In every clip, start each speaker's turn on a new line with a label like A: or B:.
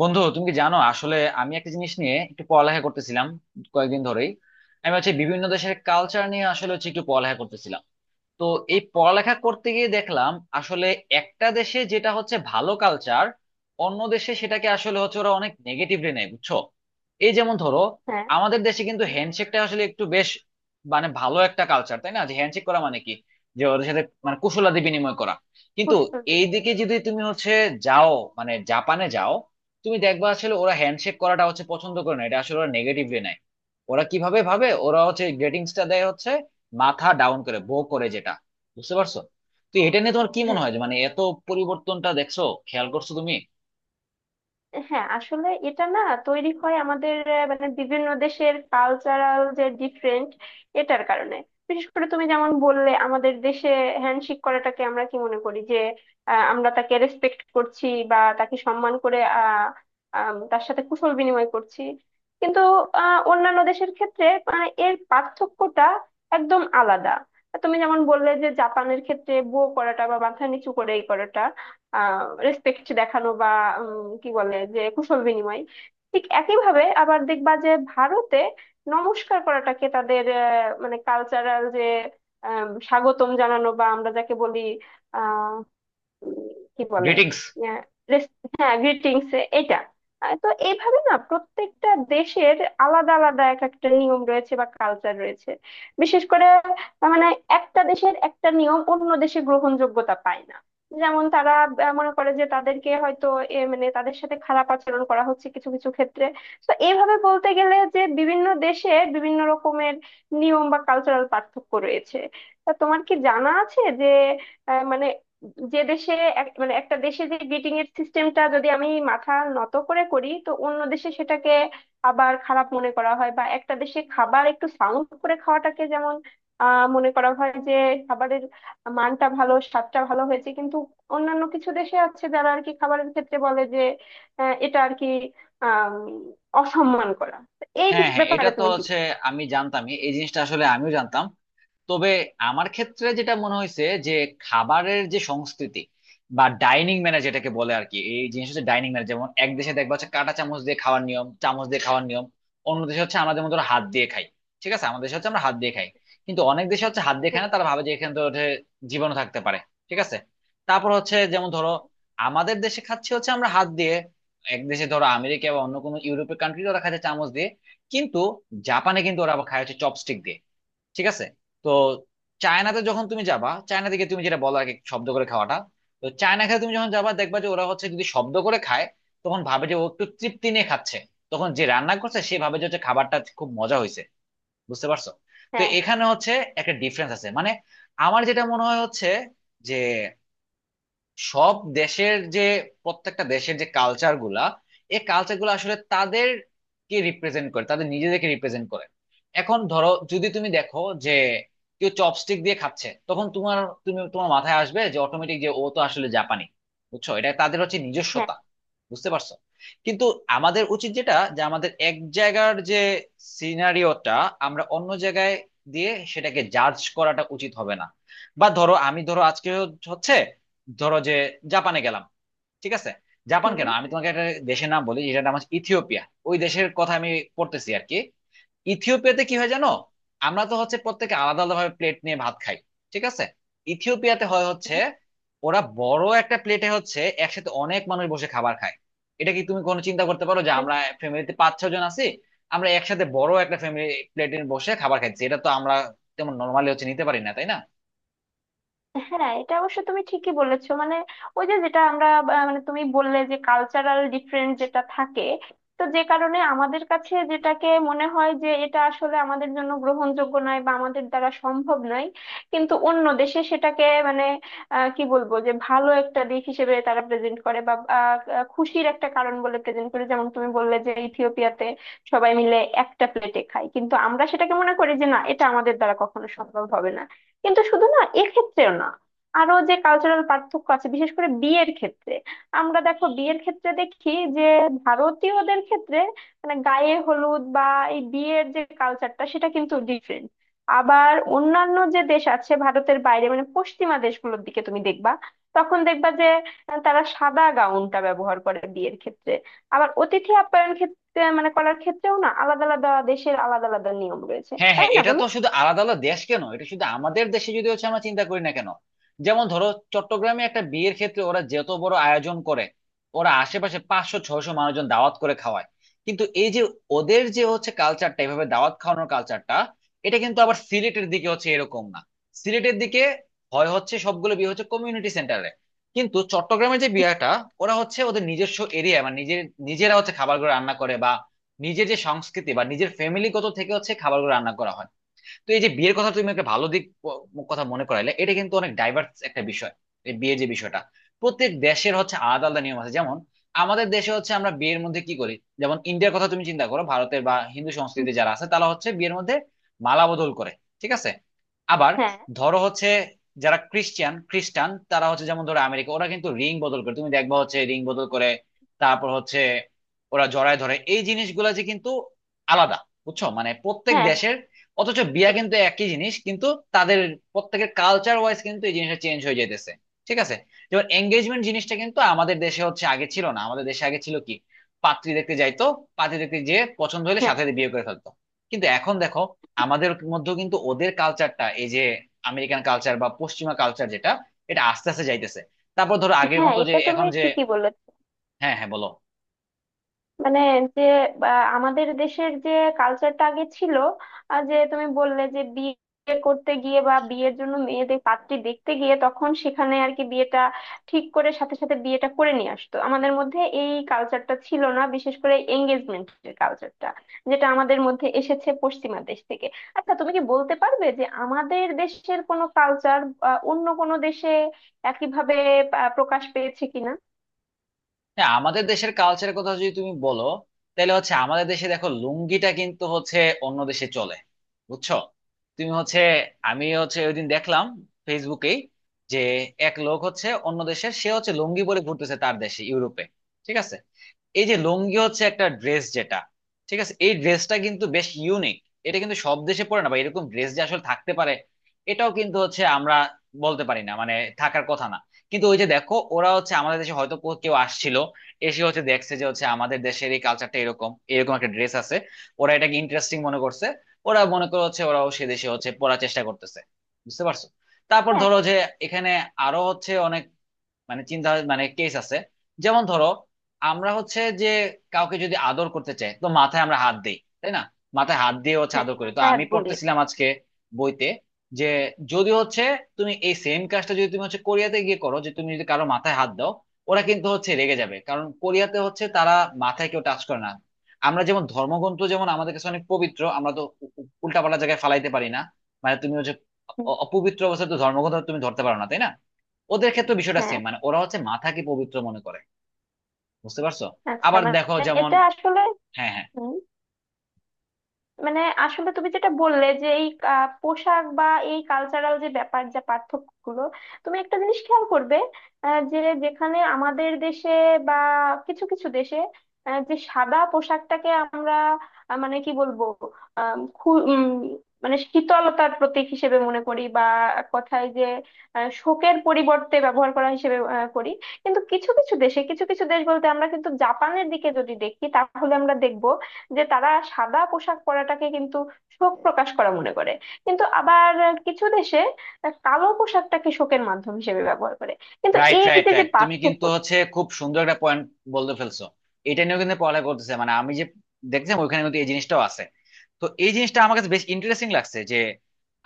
A: বন্ধু, তুমি কি জানো, আসলে আমি একটা জিনিস নিয়ে একটু পড়ালেখা করতেছিলাম কয়েকদিন ধরেই। আমি হচ্ছে বিভিন্ন দেশের কালচার নিয়ে আসলে হচ্ছে একটু পড়ালেখা করতেছিলাম। তো এই পড়ালেখা করতে গিয়ে দেখলাম আসলে একটা দেশে যেটা হচ্ছে ভালো কালচার, অন্য দেশে সেটাকে আসলে হচ্ছে ওরা অনেক নেগেটিভলি নেয়, বুঝছো? এই যেমন ধরো,
B: হ্যাঁ,
A: আমাদের দেশে কিন্তু হ্যান্ডশেকটা আসলে একটু বেশ মানে ভালো একটা কালচার, তাই না? যে হ্যান্ডশেক করা মানে কি, যে ওদের সাথে মানে কুশলাদি বিনিময় করা। কিন্তু
B: পুষ্পবিনি।
A: এইদিকে যদি তুমি হচ্ছে যাও, মানে জাপানে যাও, তুমি দেখবা আসলে ওরা হ্যান্ডশেক করাটা হচ্ছে পছন্দ করে না, এটা আসলে ওরা নেগেটিভলি নেয়। ওরা কিভাবে ভাবে, ওরা হচ্ছে গ্রেটিংসটা দেয় হচ্ছে মাথা ডাউন করে বো করে, যেটা, বুঝতে পারছো? তো এটা নিয়ে তোমার কি মনে
B: হ্যাঁ,
A: হয়, যে মানে এত পরিবর্তনটা দেখছো, খেয়াল করছো তুমি?
B: হ্যাঁ, আসলে এটা না তৈরি হয় আমাদের মানে বিভিন্ন দেশের কালচারাল যে ডিফারেন্ট, এটার কারণে। বিশেষ করে তুমি যেমন বললে আমাদের দেশে হ্যান্ডশেক করাটাকে আমরা কি মনে করি যে আমরা তাকে রেসপেক্ট করছি বা তাকে সম্মান করে তার সাথে কুশল বিনিময় করছি। কিন্তু অন্যান্য দেশের ক্ষেত্রে মানে এর পার্থক্যটা একদম আলাদা। তুমি যেমন বললে যে জাপানের ক্ষেত্রে বো করাটা বা মাথা নিচু করে এই করাটা রেসপেক্ট দেখানো বা কি বলে যে কুশল বিনিময়। ঠিক একইভাবে আবার দেখবা যে ভারতে নমস্কার করাটাকে তাদের মানে কালচারাল যে স্বাগতম জানানো বা আমরা যাকে বলি উম, কি বলে
A: গ্রিটিংস।
B: আহ, রেস- হ্যাঁ, গ্রিটিংস। এটা তো এইভাবে না প্রত্যেকটা দেশের আলাদা আলাদা এক একটা নিয়ম রয়েছে বা কালচার রয়েছে। বিশেষ করে মানে একটা দেশের একটা নিয়ম অন্য দেশে গ্রহণযোগ্যতা পায় না। যেমন তারা মনে করে যে তাদেরকে হয়তো মানে তাদের সাথে খারাপ আচরণ করা হচ্ছে কিছু কিছু ক্ষেত্রে। তো এইভাবে বলতে গেলে যে বিভিন্ন দেশে বিভিন্ন রকমের নিয়ম বা কালচারাল পার্থক্য রয়েছে। তা তোমার কি জানা আছে যে মানে যে দেশে মানে একটা দেশে যে গ্রিটিং এর সিস্টেমটা যদি আমি মাথা নত করে করি তো অন্য দেশে সেটাকে আবার খারাপ মনে করা হয়, বা একটা দেশে খাবার একটু সাউন্ড করে খাওয়াটাকে যেমন মনে করা হয় যে খাবারের মানটা ভালো, স্বাদটা ভালো হয়েছে। কিন্তু অন্যান্য কিছু দেশে আছে যারা আর কি খাবারের ক্ষেত্রে বলে যে আহ, এটা আর কি আহ অসম্মান করা। তো এই
A: হ্যাঁ, হ্যাঁ, এটা
B: ব্যাপারে
A: তো
B: তুমি কি
A: হচ্ছে
B: বলছো?
A: আমি জানতামই, এই জিনিসটা আসলে আমিও জানতাম। তবে আমার ক্ষেত্রে যেটা মনে হয়েছে যে খাবারের যে সংস্কৃতি বা ডাইনিং ম্যানার যেটাকে বলে আর কি, এই জিনিস হচ্ছে ডাইনিং ম্যানার। যেমন এক দেশে দেখবা হচ্ছে কাঁটা চামচ দিয়ে খাওয়ার নিয়ম, চামচ দিয়ে খাওয়ার নিয়ম। অন্য দেশে হচ্ছে আমাদের মতো হাত দিয়ে খাই। ঠিক আছে, আমাদের দেশে হচ্ছে আমরা হাত দিয়ে খাই। কিন্তু অনেক দেশে হচ্ছে হাত দিয়ে খায়
B: হ্যাঁ,
A: না, তারা ভাবে যে এখানে তো ওঠে জীবাণু থাকতে পারে। ঠিক আছে। তারপর হচ্ছে যেমন ধরো,
B: হ্যাঁ,
A: আমাদের দেশে খাচ্ছি হচ্ছে আমরা হাত দিয়ে, এক দেশে ধরো আমেরিকা বা অন্য কোনো ইউরোপের কান্ট্রি ওরা খাচ্ছে চামচ দিয়ে, কিন্তু জাপানে কিন্তু ওরা আবার খায় হচ্ছে চপস্টিক দিয়ে। ঠিক আছে। তো চায়নাতে যখন তুমি যাবা, চায়না থেকে তুমি যেটা বলো আগে শব্দ করে খাওয়াটা, তো চায়না খেয়ে তুমি যখন যাবা দেখবা যে ওরা হচ্ছে যদি শব্দ করে খায় তখন ভাবে যে ও একটু তৃপ্তি নিয়ে খাচ্ছে, তখন যে রান্না করছে সে ভাবে যে হচ্ছে খাবারটা খুব মজা হয়েছে। বুঝতে পারছো? তো
B: হ্যাঁ, হ্যাঁ,
A: এখানে হচ্ছে একটা ডিফারেন্স আছে, মানে আমার যেটা মনে হয় হচ্ছে যে সব দেশের যে প্রত্যেকটা দেশের যে কালচার গুলা, এই কালচার গুলা আসলে তাদেরকে রিপ্রেজেন্ট করে, তাদের নিজেদেরকে রিপ্রেজেন্ট করে। এখন ধরো, যদি তুমি দেখো যে কেউ চপস্টিক দিয়ে খাচ্ছে, তখন তোমার তুমি তোমার মাথায় আসবে যে অটোমেটিক যে ও তো আসলে জাপানি। বুঝছো, এটা তাদের হচ্ছে
B: হ্যাঁ।
A: নিজস্বতা, বুঝতে পারছো? কিন্তু আমাদের উচিত যেটা, যে আমাদের এক জায়গার যে সিনারিওটা আমরা অন্য জায়গায় দিয়ে সেটাকে জাজ করাটা উচিত হবে না। বা ধরো, আমি ধরো আজকে হচ্ছে ধরো যে জাপানে গেলাম, ঠিক আছে। জাপান
B: হুম।
A: কেন, আমি তোমাকে একটা দেশের নাম বলি যেটা নাম হচ্ছে ইথিওপিয়া। ওই দেশের কথা আমি পড়তেছি আর কি। ইথিওপিয়াতে কি হয় জানো, আমরা তো হচ্ছে প্রত্যেকে আলাদা আলাদা ভাবে প্লেট নিয়ে ভাত খাই, ঠিক আছে। ইথিওপিয়াতে হয় হচ্ছে
B: হুম।
A: ওরা বড় একটা প্লেটে হচ্ছে একসাথে অনেক মানুষ বসে খাবার খায়। এটা কি তুমি কোনো চিন্তা করতে পারো যে
B: হুম।
A: আমরা ফ্যামিলিতে পাঁচ ছয় জন আছি, আমরা একসাথে বড় একটা ফ্যামিলি প্লেটে বসে খাবার খাচ্ছি? এটা তো আমরা তেমন নর্মালি হচ্ছে নিতে পারি না, তাই না?
B: হ্যাঁ, এটা অবশ্য তুমি ঠিকই বলেছো। মানে ওই যে যেটা আমরা মানে তুমি বললে যে কালচারাল ডিফারেন্স যেটা থাকে। তো যে কারণে আমাদের কাছে যেটাকে মনে হয় যে এটা আসলে আমাদের জন্য গ্রহণযোগ্য নয় বা আমাদের দ্বারা সম্ভব নয়। কিন্তু অন্য দেশে সেটাকে মানে কি বলবো যে ভালো একটা দিক হিসেবে তারা প্রেজেন্ট করে বা আহ, আহ, খুশির একটা কারণ বলে প্রেজেন্ট করে। যেমন তুমি বললে যে ইথিওপিয়াতে সবাই মিলে একটা প্লেটে খায়, কিন্তু আমরা সেটাকে মনে করি যে না, এটা আমাদের দ্বারা কখনো সম্ভব হবে না। কিন্তু শুধু না, এক্ষেত্রেও না, আরো যে কালচারাল পার্থক্য আছে বিশেষ করে বিয়ের ক্ষেত্রে। আমরা দেখো বিয়ের ক্ষেত্রে দেখি যে ভারতীয়দের ক্ষেত্রে মানে গায়ে হলুদ বা এই বিয়ের যে কালচারটা সেটা কিন্তু ডিফারেন্ট। আবার অন্যান্য যে দেশ আছে ভারতের বাইরে মানে পশ্চিমা দেশগুলোর দিকে তুমি দেখবা, তখন দেখবা যে তারা সাদা গাউনটা ব্যবহার করে বিয়ের ক্ষেত্রে। আবার অতিথি আপ্যায়ন ক্ষেত্রে মানে করার ক্ষেত্রেও না আলাদা আলাদা দেশের আলাদা আলাদা নিয়ম রয়েছে,
A: হ্যাঁ,
B: তাই
A: হ্যাঁ,
B: না
A: এটা
B: বলো?
A: তো শুধু আলাদা আলাদা দেশ কেন, এটা শুধু আমাদের দেশে যদি হচ্ছে আমরা চিন্তা করি না কেন, যেমন ধরো, চট্টগ্রামে একটা বিয়ের ক্ষেত্রে ওরা যত বড় আয়োজন করে, ওরা আশেপাশে 500 600 মানুষজন দাওয়াত করে খাওয়ায়। কিন্তু এই যে ওদের যে হচ্ছে কালচারটা, এভাবে দাওয়াত খাওয়ানোর কালচারটা, এটা কিন্তু আবার সিলেটের দিকে হচ্ছে এরকম না। সিলেটের দিকে হয় হচ্ছে সবগুলো বিয়ে হচ্ছে কমিউনিটি সেন্টারে। কিন্তু চট্টগ্রামের যে বিয়েটা, ওরা হচ্ছে ওদের নিজস্ব এরিয়া মানে নিজের, নিজেরা হচ্ছে খাবারগুলো রান্না করে, নিজের যে সংস্কৃতি বা নিজের ফ্যামিলিগত থেকে হচ্ছে খাবারগুলো রান্না করা হয়। তো এই যে বিয়ের কথা তুমি একটা ভালো দিক কথা মনে করাইলে, এটা কিন্তু অনেক ডাইভার্স একটা বিষয়। এই বিয়ের যে বিষয়টা, প্রত্যেক দেশের হচ্ছে আলাদা আলাদা নিয়ম আছে। যেমন আমাদের দেশে হচ্ছে আমরা বিয়ের মধ্যে কি করি, যেমন ইন্ডিয়ার কথা তুমি চিন্তা করো, ভারতের বা হিন্দু
B: হুম।
A: সংস্কৃতিতে যারা আছে তারা হচ্ছে বিয়ের মধ্যে মালা বদল করে, ঠিক আছে। আবার
B: হ্যাঁ,
A: ধরো হচ্ছে যারা ক্রিশ্চিয়ান খ্রিস্টান তারা হচ্ছে, যেমন ধরো আমেরিকা, ওরা কিন্তু রিং বদল করে, তুমি দেখবা হচ্ছে রিং বদল করে। তারপর হচ্ছে ওরা জড়ায় ধরে, এই জিনিসগুলা যে কিন্তু আলাদা, বুঝছো, মানে প্রত্যেক
B: হ্যাঁ,
A: দেশের। অথচ বিয়া
B: হ্যাঁ,
A: কিন্তু একই জিনিস, কিন্তু তাদের প্রত্যেকের কালচার ওয়াইজ কিন্তু এই জিনিসটা চেঞ্জ হয়ে যাইতেছে। ঠিক আছে। যেমন এঙ্গেজমেন্ট জিনিসটা কিন্তু আমাদের দেশে হচ্ছে আগে ছিল না, আমাদের দেশে আগে ছিল কি, পাত্রী দেখতে যাইতো, পাত্রী দেখতে যে পছন্দ হলে
B: হ্যাঁ।
A: সাথে সাথে বিয়ে করে ফেলতো। কিন্তু এখন দেখো, আমাদের মধ্যেও কিন্তু ওদের কালচারটা, এই যে আমেরিকান কালচার বা পশ্চিমা কালচার যেটা, এটা আস্তে আস্তে যাইতেছে। তারপর ধরো আগের
B: হ্যাঁ,
A: মতো যে
B: এটা তুমি
A: এখন যে,
B: ঠিকই বলেছ।
A: হ্যাঁ হ্যাঁ বলো।
B: মানে যে বা আমাদের দেশের যে কালচারটা আগে ছিল আর যে তুমি বললে যে বিয়ে করতে গিয়ে বা বিয়ের জন্য মেয়েদের পাত্রী দেখতে গিয়ে তখন সেখানে আর কি বিয়েটা ঠিক করে সাথে সাথে বিয়েটা করে নিয়ে আসতো, আমাদের মধ্যে এই কালচারটা ছিল না, বিশেষ করে এঙ্গেজমেন্টের কালচারটা যেটা আমাদের মধ্যে এসেছে পশ্চিমা দেশ থেকে। আচ্ছা, তুমি কি বলতে পারবে যে আমাদের দেশের কোনো কালচার অন্য কোনো দেশে একইভাবে প্রকাশ পেয়েছে কিনা?
A: হ্যাঁ, আমাদের দেশের কালচারের কথা যদি তুমি বলো, তাহলে হচ্ছে আমাদের দেশে দেখো লুঙ্গিটা কিন্তু হচ্ছে অন্য দেশে চলে, বুঝছো। তুমি হচ্ছে, আমি হচ্ছে ওইদিন দেখলাম ফেসবুকেই যে এক লোক হচ্ছে অন্য দেশের, সে হচ্ছে লুঙ্গি পরে ঘুরতেছে তার দেশে, ইউরোপে। ঠিক আছে। এই যে লুঙ্গি হচ্ছে একটা ড্রেস যেটা, ঠিক আছে, এই ড্রেসটা কিন্তু বেশ ইউনিক। এটা কিন্তু সব দেশে পরে না, বা এরকম ড্রেস যে আসলে থাকতে পারে এটাও কিন্তু হচ্ছে আমরা বলতে পারি না, মানে থাকার কথা না। কিন্তু ওই যে দেখো ওরা হচ্ছে আমাদের দেশে হয়তো কেউ আসছিল, এসে হচ্ছে দেখছে যে হচ্ছে আমাদের দেশের এই কালচারটা এরকম, এরকম একটা ড্রেস আছে, ওরা এটাকে ইন্টারেস্টিং মনে করছে। ওরা মনে করে হচ্ছে ওরাও সে দেশে হচ্ছে পড়ার চেষ্টা করতেছে, বুঝতে পারছো? তারপর
B: হ্যাঁ,
A: ধরো যে এখানে আরো হচ্ছে অনেক মানে চিন্তা মানে কেস আছে। যেমন ধরো, আমরা হচ্ছে যে কাউকে যদি আদর করতে চাই তো মাথায় আমরা হাত দিই, তাই না? মাথায় হাত দিয়ে হচ্ছে
B: হ্যাঁ,
A: আদর করি। তো
B: মাথায়
A: আমি
B: হাত বুলিয়ে
A: পড়তেছিলাম
B: দেই।
A: আজকে বইতে, যে যদি হচ্ছে তুমি এই সেম কাজটা যদি তুমি হচ্ছে কোরিয়াতে গিয়ে করো, যে তুমি যদি কারো মাথায় হাত দাও, ওরা কিন্তু হচ্ছে রেগে যাবে, কারণ কোরিয়াতে হচ্ছে তারা মাথায় কেউ টাচ করে না। আমরা যেমন ধর্মগ্রন্থ, যেমন আমাদের কাছে অনেক পবিত্র, আমরা তো উল্টাপাল্টা জায়গায় ফালাইতে পারি না, মানে তুমি হচ্ছে
B: হুম।
A: অপবিত্র অবস্থায় তো ধর্মগ্রন্থ তুমি ধরতে পারো না, তাই না? ওদের ক্ষেত্রে বিষয়টা
B: হ্যাঁ।
A: সেম, মানে ওরা হচ্ছে মাথাকে পবিত্র মনে করে, বুঝতে পারছো?
B: আচ্ছা,
A: আবার দেখো
B: মানে
A: যেমন,
B: এটা আসলে।
A: হ্যাঁ হ্যাঁ,
B: হুম, মানে আসলে তুমি যেটা বললে যে এই পোশাক বা এই কালচারাল যে ব্যাপার যা পার্থক্যগুলো তুমি একটা জিনিস খেয়াল করবে। যে যেখানে আমাদের দেশে বা কিছু কিছু দেশে যে সাদা পোশাকটাকে আমরা মানে কি বলবো আম, খু- উম, মানে শীতলতার প্রতীক হিসেবে মনে করি, বা এক কথায় যে শোকের পরিবর্তে ব্যবহার করা হিসেবে করি। কিন্তু কিছু কিছু দেশে, কিছু কিছু দেশ বলতে আমরা কিন্তু জাপানের দিকে যদি দেখি তাহলে আমরা দেখব যে তারা সাদা পোশাক পরাটাকে কিন্তু শোক প্রকাশ করা মনে করে। কিন্তু আবার কিছু দেশে কালো পোশাকটাকে শোকের মাধ্যম হিসেবে ব্যবহার করে। কিন্তু
A: রাইট
B: এই
A: রাইট
B: যে যে
A: রাইট, তুমি
B: পার্থক্য।
A: কিন্তু হচ্ছে খুব সুন্দর একটা পয়েন্ট বলতে ফেলছো। এটা নিয়েও কিন্তু পড়ালেখা করতেছে, মানে আমি যে দেখছিলাম ওইখানে কিন্তু এই জিনিসটাও আছে। তো এই জিনিসটা আমার কাছে বেশ ইন্টারেস্টিং লাগছে যে,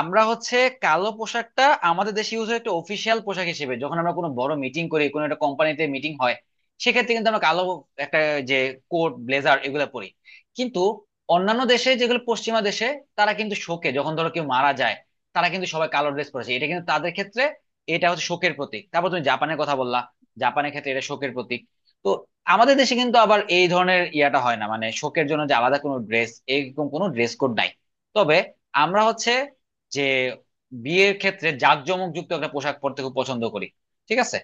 A: আমরা হচ্ছে কালো পোশাকটা আমাদের দেশে ইউজ হয় একটা অফিসিয়াল পোশাক হিসেবে, যখন আমরা কোনো বড় মিটিং করি, কোনো একটা কোম্পানিতে মিটিং হয় সেক্ষেত্রে কিন্তু আমরা কালো একটা যে কোট ব্লেজার এগুলো পরি। কিন্তু অন্যান্য দেশে, যেগুলো পশ্চিমা দেশে, তারা কিন্তু শোকে, যখন ধরো কেউ মারা যায়, তারা কিন্তু সবাই কালো ড্রেস পরেছে, এটা কিন্তু তাদের ক্ষেত্রে এটা হচ্ছে শোকের প্রতীক। তারপর তুমি জাপানের কথা বললা, জাপানের ক্ষেত্রে এটা শোকের প্রতীক। তো আমাদের দেশে কিন্তু আবার এই ধরনের ইয়াটা হয় না, মানে শোকের জন্য যে আলাদা কোনো ড্রেস, এরকম কোনো ড্রেস কোড নাই। তবে আমরা হচ্ছে যে বিয়ের ক্ষেত্রে জাঁকজমক যুক্ত একটা পোশাক পরতে খুব পছন্দ করি, ঠিক আছে।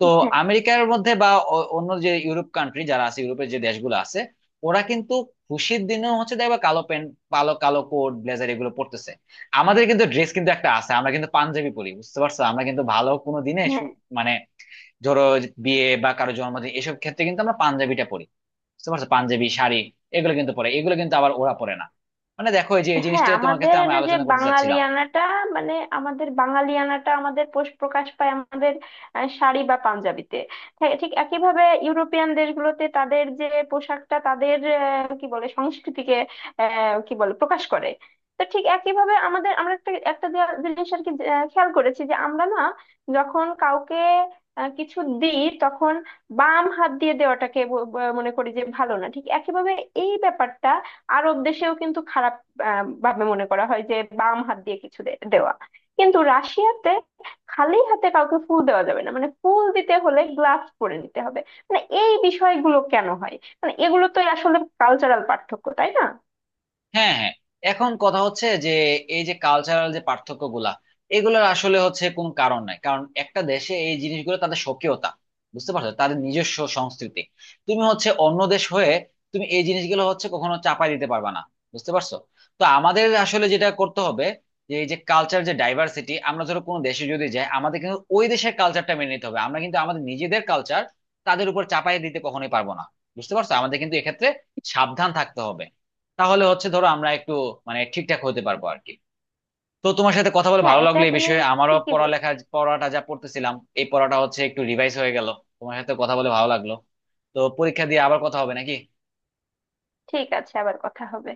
A: তো
B: হ্যাঁ,
A: আমেরিকার মধ্যে বা অন্য যে ইউরোপ কান্ট্রি যারা আছে, ইউরোপের যে দেশগুলো আছে, ওরা কিন্তু খুশির দিনেও হচ্ছে দেখবা কালো প্যান্ট, কালো কালো কোট ব্লেজার এগুলো পরতেছে। আমাদের কিন্তু ড্রেস কিন্তু একটা আছে, আমরা কিন্তু পাঞ্জাবি পরি, বুঝতে পারছো? আমরা কিন্তু ভালো কোনো দিনে
B: হ্যাঁ,
A: মানে ধরো যে বিয়ে বা কারো জন্মদিন, এসব ক্ষেত্রে কিন্তু আমরা পাঞ্জাবিটা পরি, বুঝতে পারছো? পাঞ্জাবি শাড়ি এগুলো কিন্তু পরে, এগুলো কিন্তু আবার ওরা পরে না। মানে দেখো, এই যে এই জিনিসটা
B: হ্যাঁ।
A: তোমার কাছে
B: আমাদের
A: আমি
B: যে
A: আলোচনা করতে চাচ্ছিলাম।
B: বাঙালিয়ানাটা, মানে আমাদের বাঙালিয়ানাটা আমাদের পোষ প্রকাশ পায় আমাদের শাড়ি বা পাঞ্জাবিতে। হ্যাঁ, ঠিক একইভাবে ইউরোপিয়ান দেশগুলোতে তাদের যে পোশাকটা তাদের কি বলে সংস্কৃতিকে আহ, কি বলে প্রকাশ করে। তো ঠিক একইভাবে আমাদের আমরা একটা একটা জিনিস আর কি খেয়াল করেছি যে আমরা না, যখন কাউকে কিছু দিই তখন বাম হাত দিয়ে দেওয়াটাকে মনে করি যে ভালো না। ঠিক একইভাবে এই ব্যাপারটা আরব দেশেও কিন্তু খারাপ ভাবে মনে করা হয় যে বাম হাত দিয়ে কিছু দেওয়া। কিন্তু রাশিয়াতে খালি হাতে কাউকে ফুল দেওয়া যাবে না, মানে ফুল দিতে হলে গ্লাভস পরে নিতে হবে। মানে এই বিষয়গুলো কেন হয়? মানে এগুলো তো আসলে কালচারাল পার্থক্য, তাই না?
A: হ্যাঁ, হ্যাঁ। এখন কথা হচ্ছে যে, এই যে কালচারাল যে পার্থক্য গুলা, এগুলোর আসলে হচ্ছে কোন কারণ নাই, কারণ একটা দেশে এই জিনিসগুলো তাদের স্বকীয়তা, বুঝতে পারছো, তাদের নিজস্ব সংস্কৃতি। তুমি হচ্ছে অন্য দেশ হয়ে তুমি এই জিনিসগুলো হচ্ছে কখনো চাপাই দিতে পারবে না, বুঝতে পারছো? তো আমাদের আসলে যেটা করতে হবে, যে এই যে কালচার যে ডাইভার্সিটি, আমরা ধরো কোনো দেশে যদি যাই, আমাদের কিন্তু ওই দেশের কালচারটা মেনে নিতে হবে, আমরা কিন্তু আমাদের নিজেদের কালচার তাদের উপর চাপাই দিতে কখনোই পারবো না। বুঝতে পারছো, আমাদের কিন্তু এক্ষেত্রে সাবধান থাকতে হবে, তাহলে হচ্ছে ধরো আমরা একটু মানে ঠিকঠাক হতে পারবো আর কি। তো তোমার সাথে কথা বলে
B: হ্যাঁ,
A: ভালো
B: এটা
A: লাগলো, এই
B: তুমি
A: বিষয়ে আমারও
B: ঠিকই বলে।
A: পড়ালেখা পড়াটা যা পড়তেছিলাম, এই পড়াটা হচ্ছে একটু রিভাইজ হয়ে গেল। তোমার সাথে কথা বলে ভালো লাগলো। তো পরীক্ষা দিয়ে আবার কথা হবে নাকি?
B: ঠিক আছে, আবার কথা হবে।